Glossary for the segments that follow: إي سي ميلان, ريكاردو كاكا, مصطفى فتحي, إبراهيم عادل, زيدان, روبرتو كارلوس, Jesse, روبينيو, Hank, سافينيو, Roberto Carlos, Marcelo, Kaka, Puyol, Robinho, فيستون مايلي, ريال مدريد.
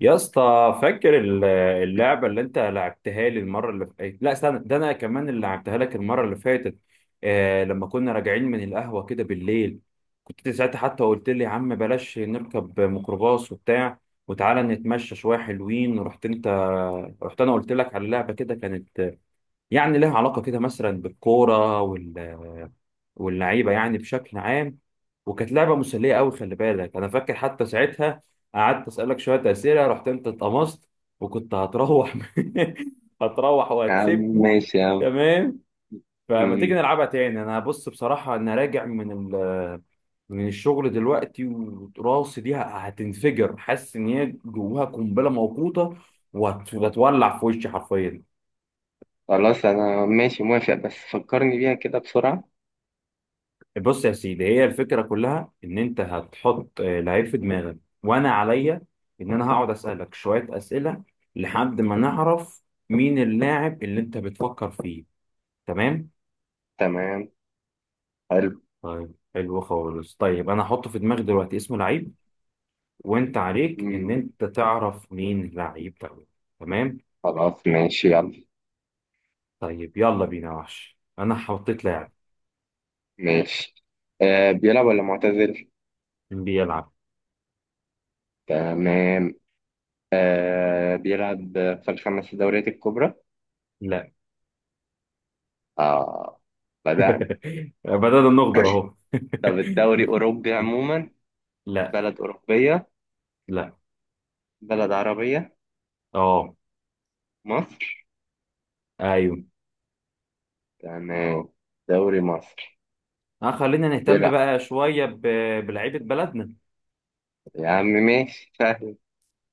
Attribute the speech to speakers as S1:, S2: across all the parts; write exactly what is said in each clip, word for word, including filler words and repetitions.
S1: يا اسطى، فاكر ال- اللعبة اللي انت لعبتها لي المرة اللي فاتت. لا استنى، ده انا كمان اللي لعبتها لك المرة اللي فاتت. آه، لما كنا راجعين من القهوة كده بالليل، كنت انت ساعتها حتى قلت لي يا عم بلاش نركب ميكروباص وبتاع وتعالى نتمشى شوية حلوين، ورحت انت، رحت انا قلت لك على لعبة كده كانت يعني لها علاقة كده مثلا بالكورة وال واللعيبة يعني بشكل عام. وكانت لعبة مسلية قوي، خلي بالك أنا فاكر حتى ساعتها قعدت أسألك شوية أسئلة، رحت أنت اتقمصت وكنت هتروح. هتروح
S2: يا عم
S1: وهتسيبني.
S2: ماشي يا عم.
S1: تمام. فما تيجي
S2: مم.
S1: نلعبها تاني؟ أنا بص بصراحة أنا راجع من ال من الشغل دلوقتي، وراسي دي هتنفجر، حاسس إن هي جواها قنبلة موقوتة وهتولع في وشي حرفيا.
S2: خلاص أنا ماشي موافق، بس فكرني بيها كده بسرعة.
S1: بص يا سيدي، هي الفكرة كلها إن أنت هتحط آه، لعيب في دماغك، وأنا عليا إن أنا هقعد أسألك شوية أسئلة لحد ما نعرف مين اللاعب اللي أنت بتفكر فيه. تمام؟
S2: تمام. حلو.
S1: طيب حلو خالص. طيب أنا هحط في دماغي دلوقتي اسم لعيب، وأنت عليك إن
S2: مم.
S1: أنت تعرف مين اللعيب ده. تمام؟
S2: خلاص ماشي يلا.
S1: طيب يلا بينا يا وحش، أنا حطيت لاعب.
S2: ماشي. آه، بيلعب ولا معتزل؟
S1: بيلعب.
S2: تمام. آه، بيلعب. في الخمس دوريات الكبرى؟
S1: لا.
S2: آه. بدأنا.
S1: بدأنا نغدر أهو.
S2: طب الدوري أوروبي عموما.
S1: لا.
S2: بلد أوروبية.
S1: لا.
S2: بلد عربية.
S1: أه.
S2: مصر.
S1: ايوه.
S2: تمام. دوري مصر.
S1: آه خلينا نهتم
S2: بيلعب.
S1: بقى شوية ب... بلعيبة بلدنا.
S2: يا عم ماشي سهل.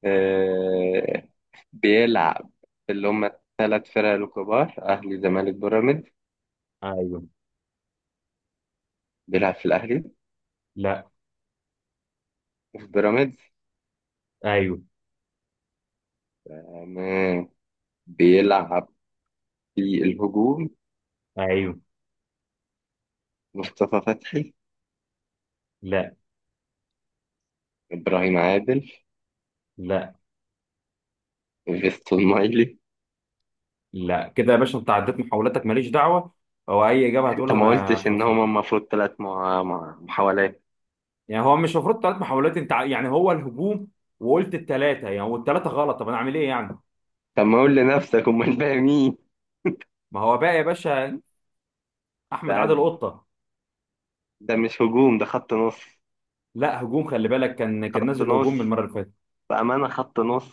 S2: آه، بيلعب. في اللي هم الثلاث فرق الكبار، أهلي زمالك بيراميدز.
S1: ايوه.
S2: بيلعب في الأهلي.
S1: لا.
S2: وفي بيراميدز.
S1: ايوه.
S2: تمام. بيلعب. في الهجوم.
S1: ايوه.
S2: مصطفى فتحي.
S1: لا.
S2: إبراهيم عادل.
S1: لا.
S2: فيستون مايلي.
S1: لا كده يا باشا، انت عديت محاولاتك ماليش دعوة، هو اي اجابة
S2: أنت
S1: هتقولها
S2: ما
S1: ما
S2: قلتش إن
S1: خسر.
S2: هما المفروض ثلاث مع... مع... محاولات.
S1: يعني هو مش المفروض ثلاث محاولات؟ انت ع- يعني هو الهجوم وقلت الثلاثة يعني، والثلاثة غلط، طب انا اعمل ايه يعني؟
S2: طب ما قول لنفسك أمال الباقي مين؟
S1: ما هو بقى يا باشا، احمد
S2: ده
S1: عادل قطة.
S2: ده مش هجوم، ده خط نص.
S1: لا هجوم، خلي بالك، كان كان
S2: خط
S1: نازل
S2: نص.
S1: هجوم من المرة اللي فاتت.
S2: بأمانة خط نص.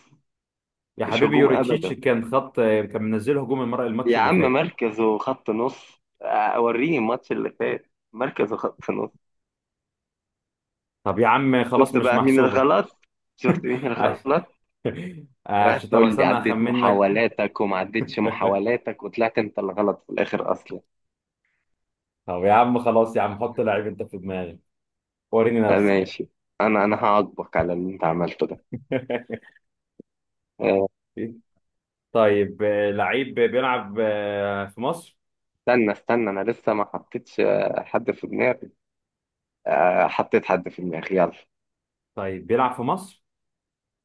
S1: يا
S2: مش
S1: حبيبي
S2: هجوم
S1: يوريتشيتش
S2: أبدا.
S1: كان خط، كان منزل هجوم المرة الماتش
S2: يا
S1: اللي
S2: عم
S1: فات.
S2: مركزه خط نص، اوريني الماتش اللي فات. مركزه خط نص.
S1: طب يا عم خلاص
S2: شفت
S1: مش
S2: بقى مين
S1: محسوبة.
S2: الغلط. شفت مين الغلط. وقعدت
S1: عشان طب
S2: تقول لي
S1: استنى
S2: عدت
S1: اخمن لك.
S2: محاولاتك وما عدتش محاولاتك، وطلعت انت الغلط في الاخر اصلا.
S1: طب يا عم خلاص يا عم، حط لعيب انت في دماغك وريني
S2: آه،
S1: نفسك.
S2: ماشي. انا انا هعاقبك على اللي انت عملته ده. آه،
S1: طيب آه، لعيب بيلعب آه، في مصر؟
S2: استنى استنى، انا لسه ما حطيتش آه، حد في دماغي. آه، حطيت حد في دماغي، يلا.
S1: طيب بيلعب في مصر؟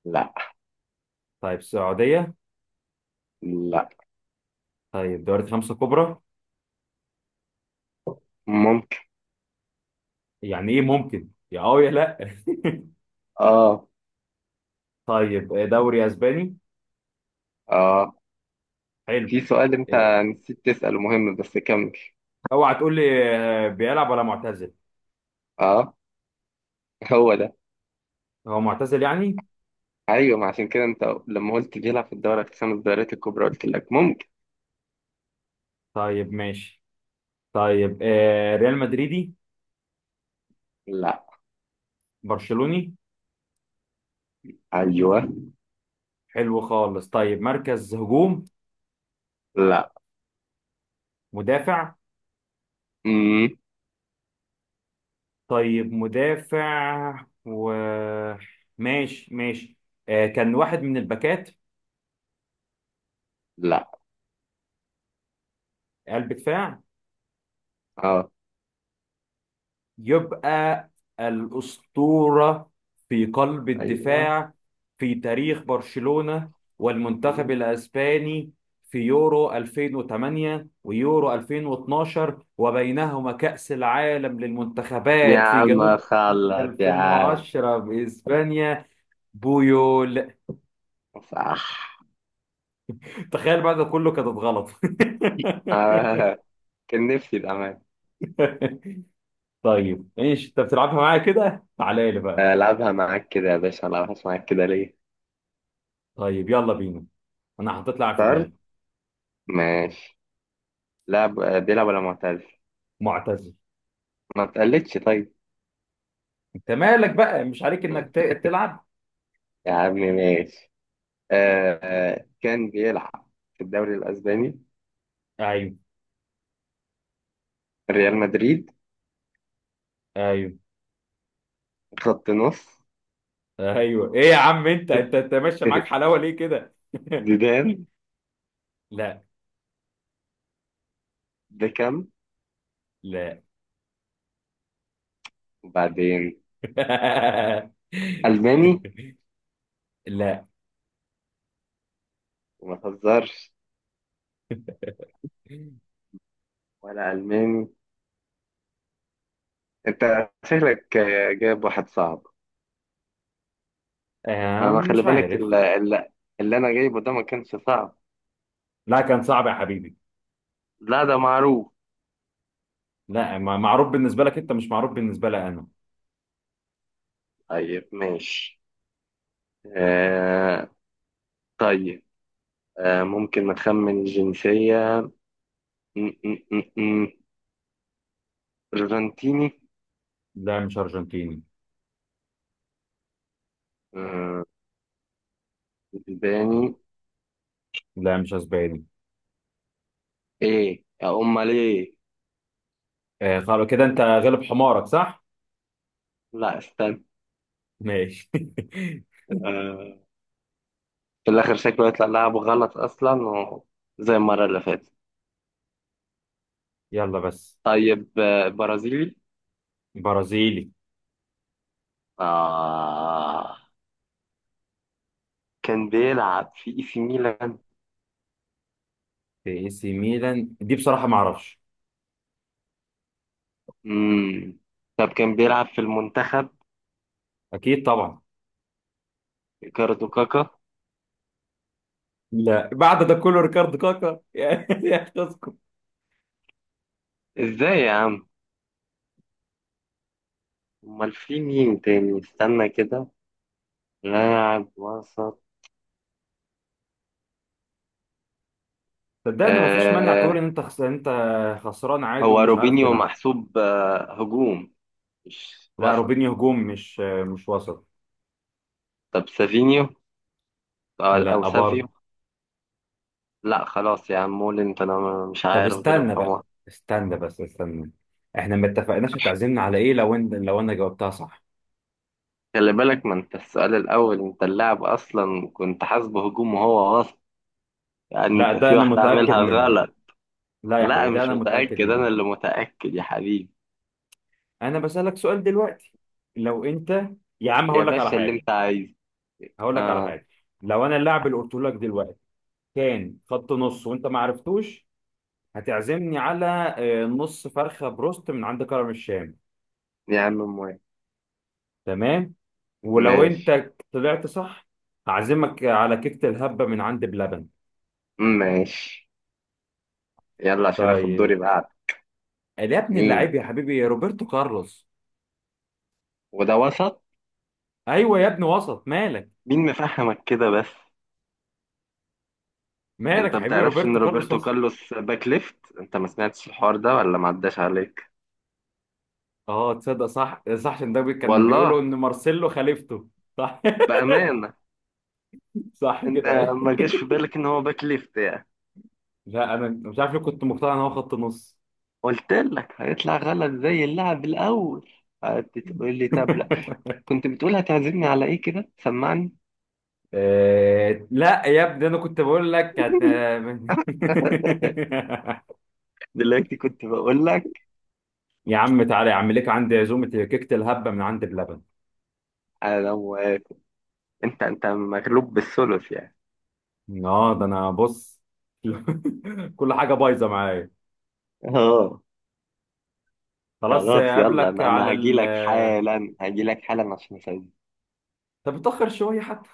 S2: لا.
S1: طيب السعودية؟
S2: لا.
S1: طيب دوري خمسة كبرى؟
S2: ممكن.
S1: يعني ايه ممكن، يا اه يا لا.
S2: اه.
S1: طيب آه، دوري اسباني؟
S2: اه.
S1: حلو.
S2: في سؤال انت
S1: آه،
S2: نسيت تسأله مهم، بس كمل.
S1: اوعى تقول لي آه، بيلعب ولا معتزل؟
S2: اه، هو ده.
S1: هو معتزل يعني.
S2: ايوه، ما عشان كده انت لما قلت بيلعب في الدوري الخمس الدوريات الكبرى قلت لك ممكن.
S1: طيب ماشي. طيب آه، ريال مدريدي؟
S2: لا.
S1: برشلوني؟
S2: ايوه.
S1: حلو خالص. طيب مركز هجوم؟
S2: لا.
S1: مدافع؟
S2: امم.
S1: طيب مدافع و، ماشي ماشي. آه كان واحد من الباكات؟
S2: لا.
S1: قلب دفاع؟
S2: اه.
S1: يبقى الأسطورة في قلب
S2: ايوه.
S1: الدفاع في تاريخ برشلونة والمنتخب
S2: مم.
S1: الأسباني في يورو ألفين وتمانية ويورو ألفين واتناشر وبينهما كأس العالم
S2: يا
S1: للمنتخبات في جنوب
S2: عم
S1: أفريقيا
S2: خلص يا عم.
S1: ألفين وعشرة بإسبانيا. بويول.
S2: صح.
S1: تخيل بعد ده كله كانت غلط.
S2: آه. كان نفسي بأمان.
S1: طيب ايش انت بتلعبها معايا كده؟ تعالى لي بقى.
S2: ألعبها معاك كده يا باشا، ألعبها معاك كده ليه؟
S1: طيب يلا بينا، انا حطيت لاعب في
S2: اخترت.
S1: دماغي.
S2: ماشي. لعب آه، بيلعب ولا معتزل؟
S1: معتزل.
S2: ما تقلدش طيب.
S1: انت مالك بقى، مش عليك انك ت- تلعب.
S2: يا عم ماشي. آه. آه، كان بيلعب في الدوري الأسباني.
S1: ايوه.
S2: ريال مدريد.
S1: ايوه.
S2: خط نص.
S1: ايوه ايه يا عم، انت انت انت ماشي معاك حلاوه ليه كده؟
S2: زيدان.
S1: لا.
S2: ده كام.
S1: لا.
S2: وبعدين. ألماني.
S1: لا.
S2: وما تهزرش. ولا ألماني. أنت شكلك آه، جايب واحد صعب.
S1: آه،
S2: أنا خلي
S1: مش
S2: بالك
S1: عارف.
S2: اللي, اللي أنا جايبه ده ما كانش صعب.
S1: لا كان صعب يا حبيبي.
S2: لا ده معروف.
S1: لا ما- معروف بالنسبه لك انت، مش معروف بالنسبه لي انا.
S2: طيب ماشي. آه. طيب. آه، ممكن نخمن الجنسية. م- م- م- م. أرجنتيني.
S1: لا مش أرجنتيني.
S2: آه، اسباني.
S1: لا مش أسباني.
S2: إيه يا أمال إيه.
S1: آه خلاص كده أنت غلب حمارك، صح؟
S2: لا استنى.
S1: ماشي.
S2: آه، في الآخر شكله يطلع لعبه غلط أصلا و... زي المرة اللي فاتت.
S1: يلا بس.
S2: طيب آه، برازيلي.
S1: برازيلي.
S2: آه كان بيلعب في إي سي ميلان.
S1: في اي سي ميلان دي بصراحة ما أعرفش.
S2: مم. طب كان بيلعب في المنتخب.
S1: أكيد طبعا.
S2: ريكاردو كاكا.
S1: لا بعد ده كله ريكارد كاكا؟ يا يا تذكر.
S2: إزاي يا عم. أمال في مين تاني، استنى كده. لاعب وسط.
S1: صدقني ما فيش مانع تقول
S2: آه،
S1: إن أنت خس... أنت خسران عادي
S2: هو
S1: ومش عارف
S2: روبينيو
S1: تلعب.
S2: محسوب آه هجوم مش
S1: لا
S2: وسط.
S1: روبينيو هجوم، مش مش وسط.
S2: طب سافينيو. آه، أو
S1: لا
S2: سافيو.
S1: برضه.
S2: لا خلاص يا عم، مولن فأنا مش
S1: طب
S2: عارف، غلب
S1: استنى بقى،
S2: حمار.
S1: استنى بس استنى، احنا ما اتفقناش هتعزمنا على ايه لو ان... لو انا جاوبتها صح.
S2: خلي بالك ما انت السؤال الاول انت اللاعب اصلا كنت حاسبه هجوم وهو وسط. يعني
S1: لا
S2: انت
S1: ده
S2: في
S1: انا
S2: واحده
S1: متاكد
S2: عاملها
S1: منه.
S2: غلط.
S1: لا يا حبيبي
S2: لا
S1: ده
S2: مش
S1: انا متاكد
S2: متاكد، انا
S1: منه.
S2: اللي متاكد يا حبيبي.
S1: انا بسالك سؤال دلوقتي، لو انت، يا عم
S2: يا
S1: هقول لك على
S2: باشا اللي
S1: حاجه.
S2: انت عايزه.
S1: هقول لك على
S2: اه.
S1: حاجه. لو انا اللاعب اللي قلت لك دلوقتي كان خط نص وانت ما عرفتوش، هتعزمني على آه، نص فرخه بروست من عند كرم الشام.
S2: يا عم موافق.
S1: تمام. ولو
S2: ماشي.
S1: انت طلعت صح، هعزمك على كيكه الهبه من عند بلبن.
S2: ماشي، يلا عشان اخد دوري
S1: طيب،
S2: بعد.
S1: يا ابن
S2: مين.
S1: اللعيب يا حبيبي يا روبرتو كارلوس.
S2: وده وسط.
S1: ايوه يا ابن وسط، مالك؟
S2: مين مفهمك كده بس.
S1: مالك
S2: انت
S1: يا حبيبي،
S2: بتعرفش ان
S1: روبرتو كارلوس
S2: روبرتو
S1: وسط.
S2: كارلوس باك ليفت؟ انت ما سمعتش الحوار ده ولا ما عداش عليك.
S1: اه تصدق صح، صح، عشان ده بي- كان بيقولوا
S2: والله.
S1: ان مارسيلو خليفته. صح.
S2: بامانه.
S1: صح
S2: انت،
S1: كده ايه.
S2: ما جاش في بالك ان هو باك ليفت يعني.
S1: لا انا مش عارف ليه كنت مقتنع ان هو خط نص.
S2: قلت لك هيطلع غلط زي اللعب الاول. هتقول لي طب لا. كنت بتقول هتعزمني على ايه، كده سمعني.
S1: آه، لا يا ابني انا كنت بقول لك هت...
S2: دلوقتي كنت بقول لك.
S1: يا عم تعالى يا عم، ليك عندي عزومه كيكه الهبه من عند بلبن.
S2: انا موافق. انت انت مغلوب بالثلث يعني.
S1: اه ده انا بص. كل حاجه بايظه معايا.
S2: اه.
S1: خلاص
S2: خلاص يلا،
S1: اقابلك
S2: انا
S1: على
S2: انا هجي
S1: ال.
S2: لك حالا هجي لك حالا عشان اسوي.
S1: طب اتاخر شويه حتى.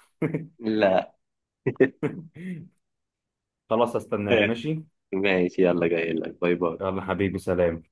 S2: لا.
S1: خلاص استناك، ماشي.
S2: ماشي، يلا جاي لك، باي باي.
S1: يلا حبيبي سلام.